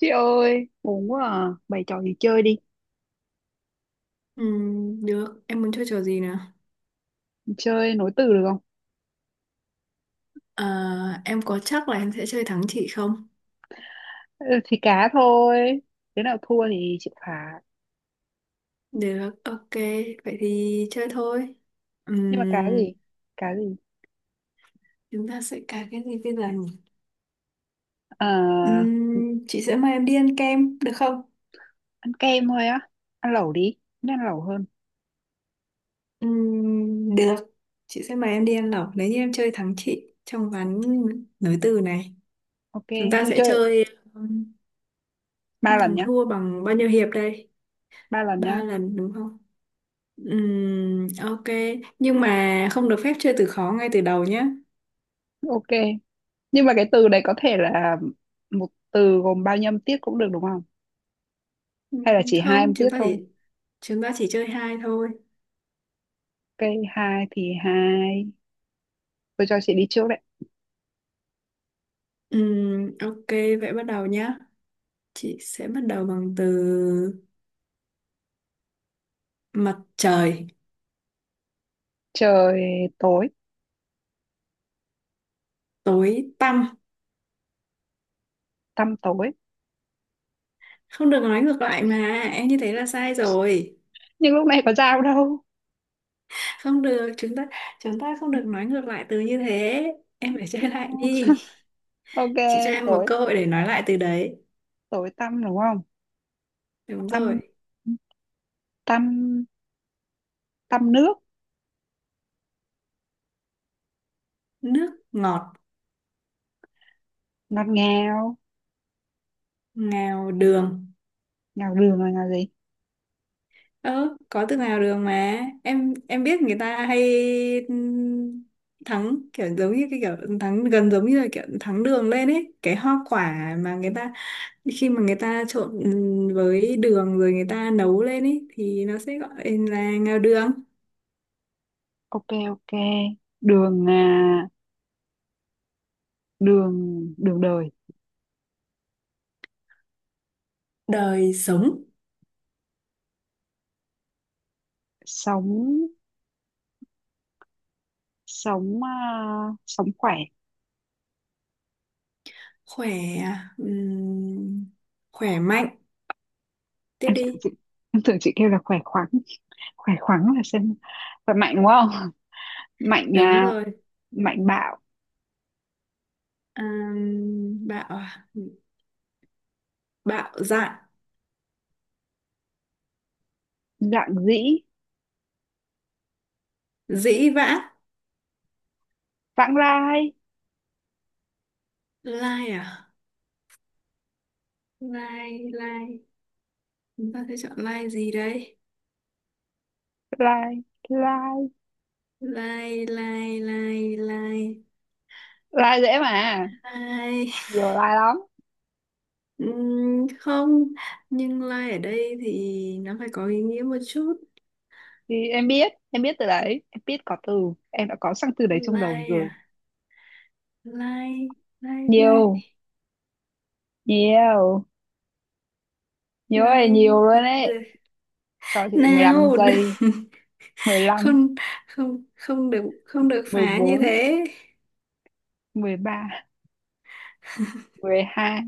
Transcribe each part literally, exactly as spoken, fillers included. Chị ơi, buồn quá à. Bày trò gì chơi đi. Ừ, được, em muốn chơi trò gì nào? Chơi nối từ được không? À, em có chắc là em sẽ chơi thắng chị không? Ừ, thì cá thôi. Đứa nào thua thì chịu phạt. Được, ok, vậy thì chơi thôi. Nhưng mà cá Ừm, gì? Cá gì? Chúng ta sẽ cài cái gì bây giờ nhỉ? Ờ, Ừm, chị sẽ mời em đi ăn kem, được không? ăn kem thôi á. Ăn lẩu đi. Nên ăn lẩu hơn. Ừm, được, chị sẽ mời em đi ăn lẩu nếu như em chơi thắng chị trong ván nối từ này. Ok, Chúng ta nhưng sẽ chơi chơi ừm, ba lần thắng nhá. thua bằng bao nhiêu hiệp đây? Ba lần Ba nhá. lần đúng không? Ừm, ok, nhưng mà không được phép chơi từ khó ngay từ đầu nhé. Ok. Nhưng mà cái từ đấy có thể là một từ gồm bao nhiêu âm tiết cũng được đúng không? Ừ, Hay là chỉ hai không, âm tiết chúng ta thôi? chỉ chúng ta chỉ chơi hai thôi. Ok, hai thì hai. Tôi cho chị đi trước đấy. Ừm, ok, vậy bắt đầu nhá. Chị sẽ bắt đầu bằng từ mặt trời. Trời tối, Tối tăm. tăm tối. Không được nói ngược lại mà, em như thế là sai rồi. Nhưng lúc này có dao đâu. Không được, chúng ta chúng ta không được nói ngược lại từ như thế. Em phải chơi lại đi. Ok, Chị cho em một tối, cơ hội để nói lại từ đấy. tối tăm đúng không? Đúng rồi. Tăm, tăm, tăm nước. Nước ngọt. Ngọt ngào. Ngào đường. Ngào đường là ngào gì? Ờ, có từ nào đường mà em em biết người ta hay ừm, thắng kiểu giống như cái kiểu thắng gần giống như là kiểu thắng đường lên ấy, cái hoa quả mà người ta, khi mà người ta trộn ừm, với đường rồi người ta nấu lên ấy thì nó sẽ gọi là ngao đường. Ok ok, đường à, đường, đường đời. Đời sống Sống, sống à, sống khỏe. khỏe. ừm, Khỏe mạnh. Tiếp em tưởng đi. chị em tưởng chị kêu là khỏe khoắn. Khỏe khoắn là xem khỏe mạnh đúng không? Mạnh Đúng à, rồi. mạnh bạo. Ừm, bạo à? Bạo dạn. Dạn dĩ. Dĩ vãng. Vãng Lai, Lai à? Lai lai. Chúng ta sẽ chọn line gì đây? lai, lai, Line, line, line, line, lai dễ mà. line. Nhiều lai lắm. Ừm, không, nhưng line ở đây thì nó phải có ý nghĩa một chút. Thì em biết, em biết từ đấy, em biết có từ, em đã có sẵn từ đấy trong đầu Line à? rồi. Line, line, line, Nhiều, nhiều, nhiều ơi line nhiều luôn gì bây đấy. giờ? Cho chị mười lăm Nào, giây đừng, Mười mười Mười lăm. không, không, không được, không được phá như Bốn. thế. Mười ba. Mười hai.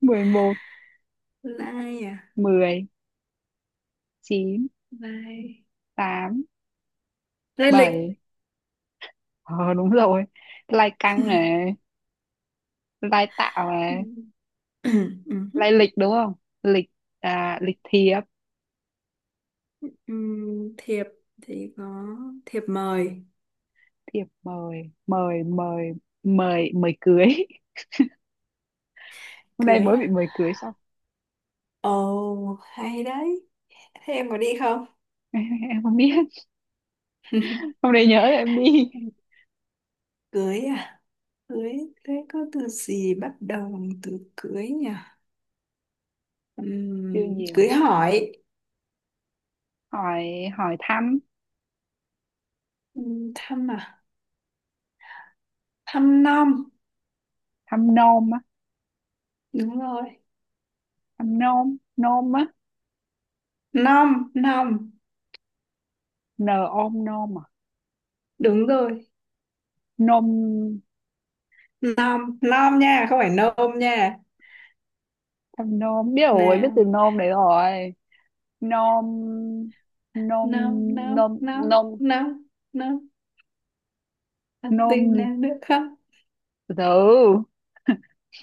Mười một. Line à? Mười. Chín. Line, Tám. line lịch. Bảy. Ờ đúng rồi. Lai căng này, lai tạo này, Ừm, lai ừm, lịch đúng không? Lịch. À, lịch thiệp. ừm, thiệp thì có thiệp mời. Thiệp mời. Mời mời mời mời cưới. Hôm nay Cưới mới bị à? mời cưới xong. Ồ, hay đấy. Thế em có đi không? Em không biết, hôm nay nhớ là em đi. Cưới à? Cưới, cưới có từ gì bắt đầu bằng từ cưới nhỉ? Siêu Ừm, cưới nhiều. hỏi. Hỏi. Hỏi thăm. Ừm, thăm à? Thăm nom. Thăm nôm á. Đúng rồi. Thăm nôm, nôm á. Nom, nom. N, ôm, nôm à. Đúng rồi. Nôm. Nom, nom nha, không phải nôm nha. Thăm nôm biết rồi, biết Nào, từ nôm đấy rồi. Nôm, nôm, nom, nom, nôm, nom, nôm, nom, nom. Ăn nôm tin gì? nào được không? từ từ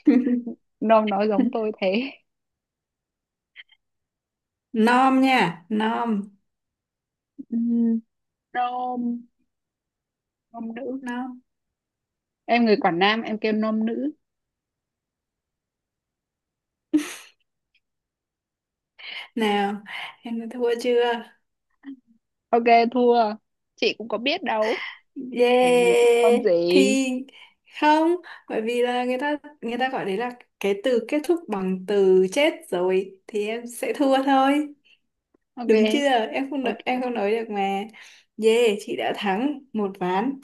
Nôm nói giống tôi thế. Nom nha, nom, Ừm, nôm, nôm nữ. nom. Em người Quảng Nam em kêu nôm nữ. Nào, em đã thua chưa? Ok, thua. Chị cũng có biết đâu, làm gì có nôm Yeah gì. thì không, bởi vì là người ta, người ta gọi đấy là cái từ kết thúc bằng từ chết rồi thì em sẽ thua thôi, Ok. đúng chưa? Em không nói, Ok, em không nói được mà. Yeah, chị đã thắng một ván.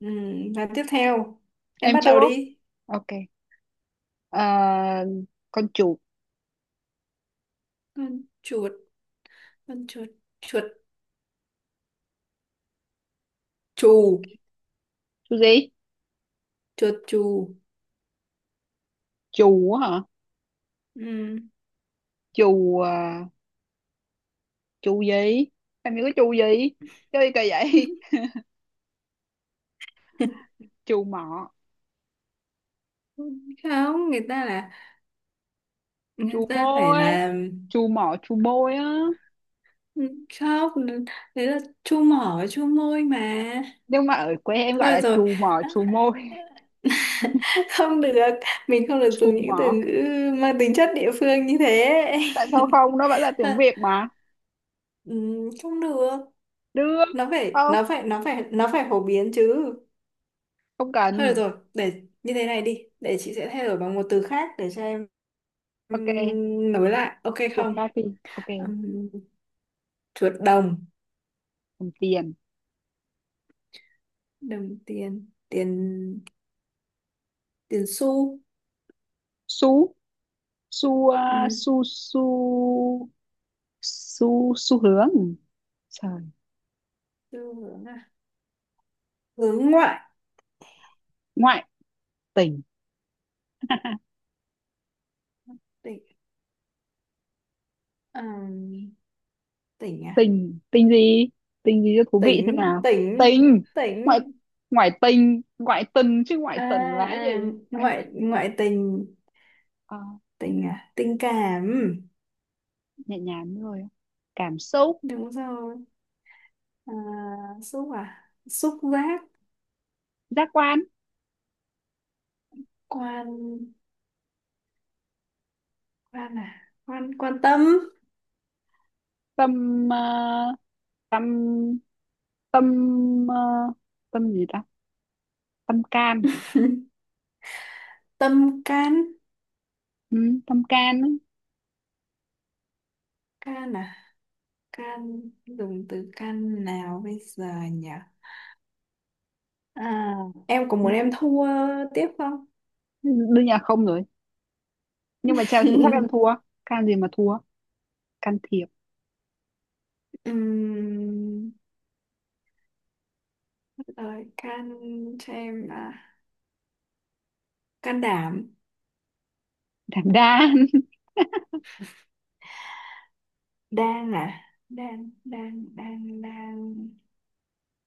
Ừ, ván tiếp theo em em bắt chưa. đầu đi. Ok. Ờ, con chuột. Con chuột. con chuột Chuột chù. Chú gì? Chuột chù, Chù á hả? ừ. Chù à, chù gì? Em nhớ cái chù gì, chơi kỳ vậy. Chù mọ, Không, người ta là người chù ta phải môi. là, Chù mọ, chù môi á. ừ, khóc. Đấy là chu mỏ với chu môi mà. Nhưng mà ở quê em gọi Thôi là được rồi. chù mọ, chù môi. Không được, mình không được Chù dùng những mọ. từ ngữ mang tính chất địa phương như thế. Tại sao không, nó vẫn là tiếng Việt mà. Ừ, không được, Được. Nó phải không, nó phải nó phải nó phải phổ biến chứ. không Thôi được cần. rồi, để như thế này đi, để chị sẽ thay đổi bằng một từ khác để cho em Ok, ừm, nối lại, ok chuột không? khác đi. Ok. Ừm, chuột đồng. Cầm tiền. Đồng tiền. Tiền tiền xu. Xu. Xu à, Ừ, xu xu. Xu, xu hướng. Trời. xu hướng à? Hướng ngoại. Ngoại tình. Tỉnh, ờ, tỉnh à? Tình, tình gì? Tình gì cho thú vị xem Tỉnh nào. tỉnh. Tình. Tỉnh Ngoại, ngoại tình, ngoại tình chứ, ngoại à, tình là cái gì? à, Ngoại tình. ngoại ngoại tình. Ờ, Tình à? Tình cảm. nhẹ nhàng rồi. Cảm xúc. Đúng rồi. À, xúc à? Xúc giác. Giác quan. Quan, quan à, quan quan tâm. Tâm, ờ, tâm, tâm, ờ, tâm gì ta? Tâm can. Tâm can. Ừ, tâm can ấy. Can à? Can, dùng từ can nào bây giờ nhỉ? À, em có Ừ, muốn em thua tiếp không? đương nhiên là không rồi, nhưng mà Chelsea chắc em thua. Can gì mà thua? Can thiệp. Ừm, Rồi can cho em à, can đảm. Đảm đang. Đang à? Đang đang đang đang.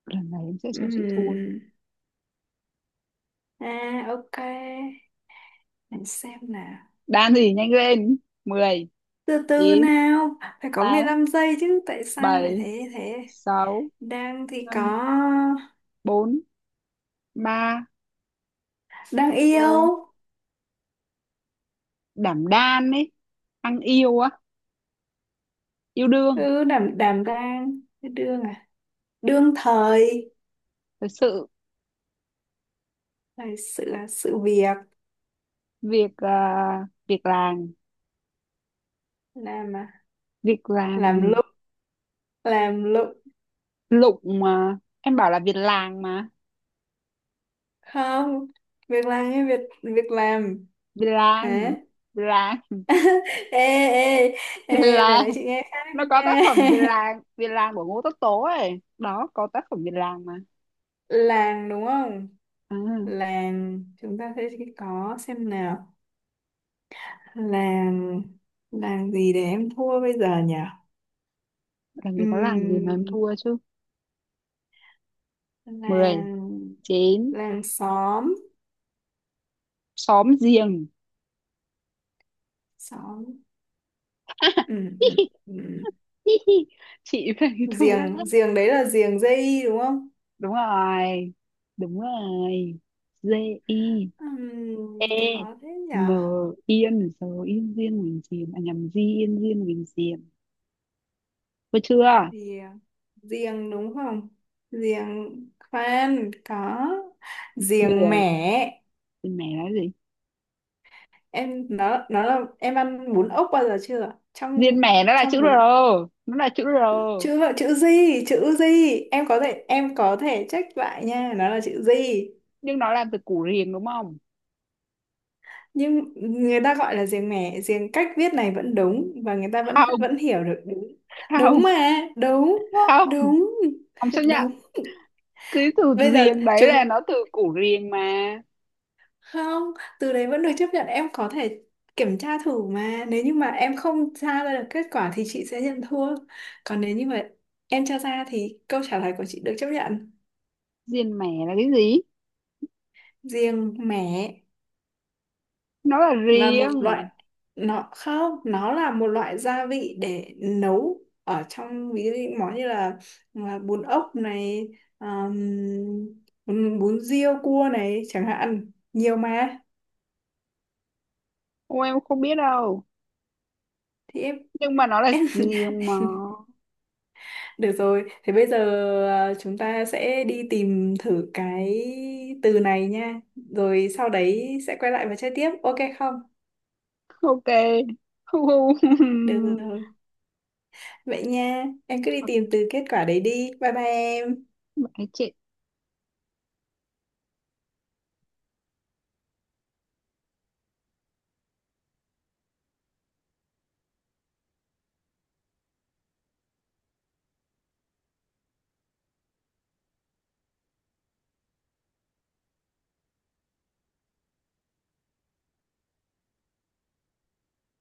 Lần này em sẽ cho chị thua. Ừm, à, ok, để xem nào. Đan gì nhanh lên. Mười. Từ từ Chín. nào, phải có mười Tám. lăm giây chứ, tại sao lại Bảy. thế thế? Sáu. Đang thì có Năm. Bốn. Ba. đang yêu. hai. Đảm đang ấy. Ăn yêu á, yêu đương. Ừ, đảm đảm đang. Cái đương à? Đương thời. Thật sự. Là sự là sự việc. Việc à, việc làm. Làm à? Việc làm, Làm ừ. lụng. làm lụng Lụng mà. Em bảo là việc làng mà. Không, việc làm, như việc việc làm. Việc Hả? làng. Việc làng. Ê, ê, Việc ê, vừa nãy làng. chị nghe khác Nó có tác nha. phẩm việc làng, việc làng của Ngô Tất Tố ấy. Đó, có tác phẩm việc làng mà. Làng đúng không? À, Làng, chúng ta sẽ có xem nào. Làng, làng gì để em thua bây giờ nhỉ? làm gì có làng gì mà em Ừm, thua chứ. Mười. làng, Chín. làng xóm. Xóm giềng. Xóm. Ừm, ừm, ừm. Chị phải thua lắm. Giềng, giềng đấy là giềng dây đúng không? Đúng rồi, đúng rồi. G. I. E. Ừm, khó thế nhỉ? N. Yên rồi, yên riêng mình chìm, à nhầm, di yên riêng mình chìm. Có chưa? Riềng, riềng đúng không? Riềng, khoan, có riềng Mười. mẻ. Diên mè là gì? Em nó nó là em ăn bún ốc bao giờ chưa, Diên trong, mè nó là chữ trong R. bún. Nó là chữ R. Chữ là chữ gì? Chữ gì em có thể, em có thể check lại nha, nó là chữ gì. Nhưng nó làm từ củ riềng đúng không? Nhưng người ta gọi là riềng mẻ, riềng cách viết này vẫn đúng và người ta vẫn, Không. vẫn hiểu được, đúng. Đúng Không. mà, đúng, Không. đúng, Không chấp nhận. đúng. Cái từ Bây giờ riềng đấy chúng, là nó từ củ riềng mà. không, từ đấy vẫn được chấp nhận, em có thể kiểm tra thử mà, nếu như mà em không tra ra được kết quả thì chị sẽ nhận thua, còn nếu như mà em tra ra thì câu trả lời của chị được chấp nhận. Diên mè là cái gì? Riêng mẻ Nó là là một loại, riêng. nó không, nó là một loại gia vị để nấu ở trong, ví dụ như món như là, là bún ốc này, um, bún, bún riêu cua này chẳng hạn, nhiều mà. Ô, em không biết đâu. Thì em, Nhưng mà nó là em. gì mà. Được rồi, thế bây giờ, à, chúng ta sẽ đi tìm thử cái từ này nha. Rồi sau đấy sẽ quay lại và chơi tiếp, ok không? Ok. Hu hu. Được rồi, vậy nha, em cứ đi tìm từ kết quả đấy đi. Bye bye em. Bạn ấy trễ.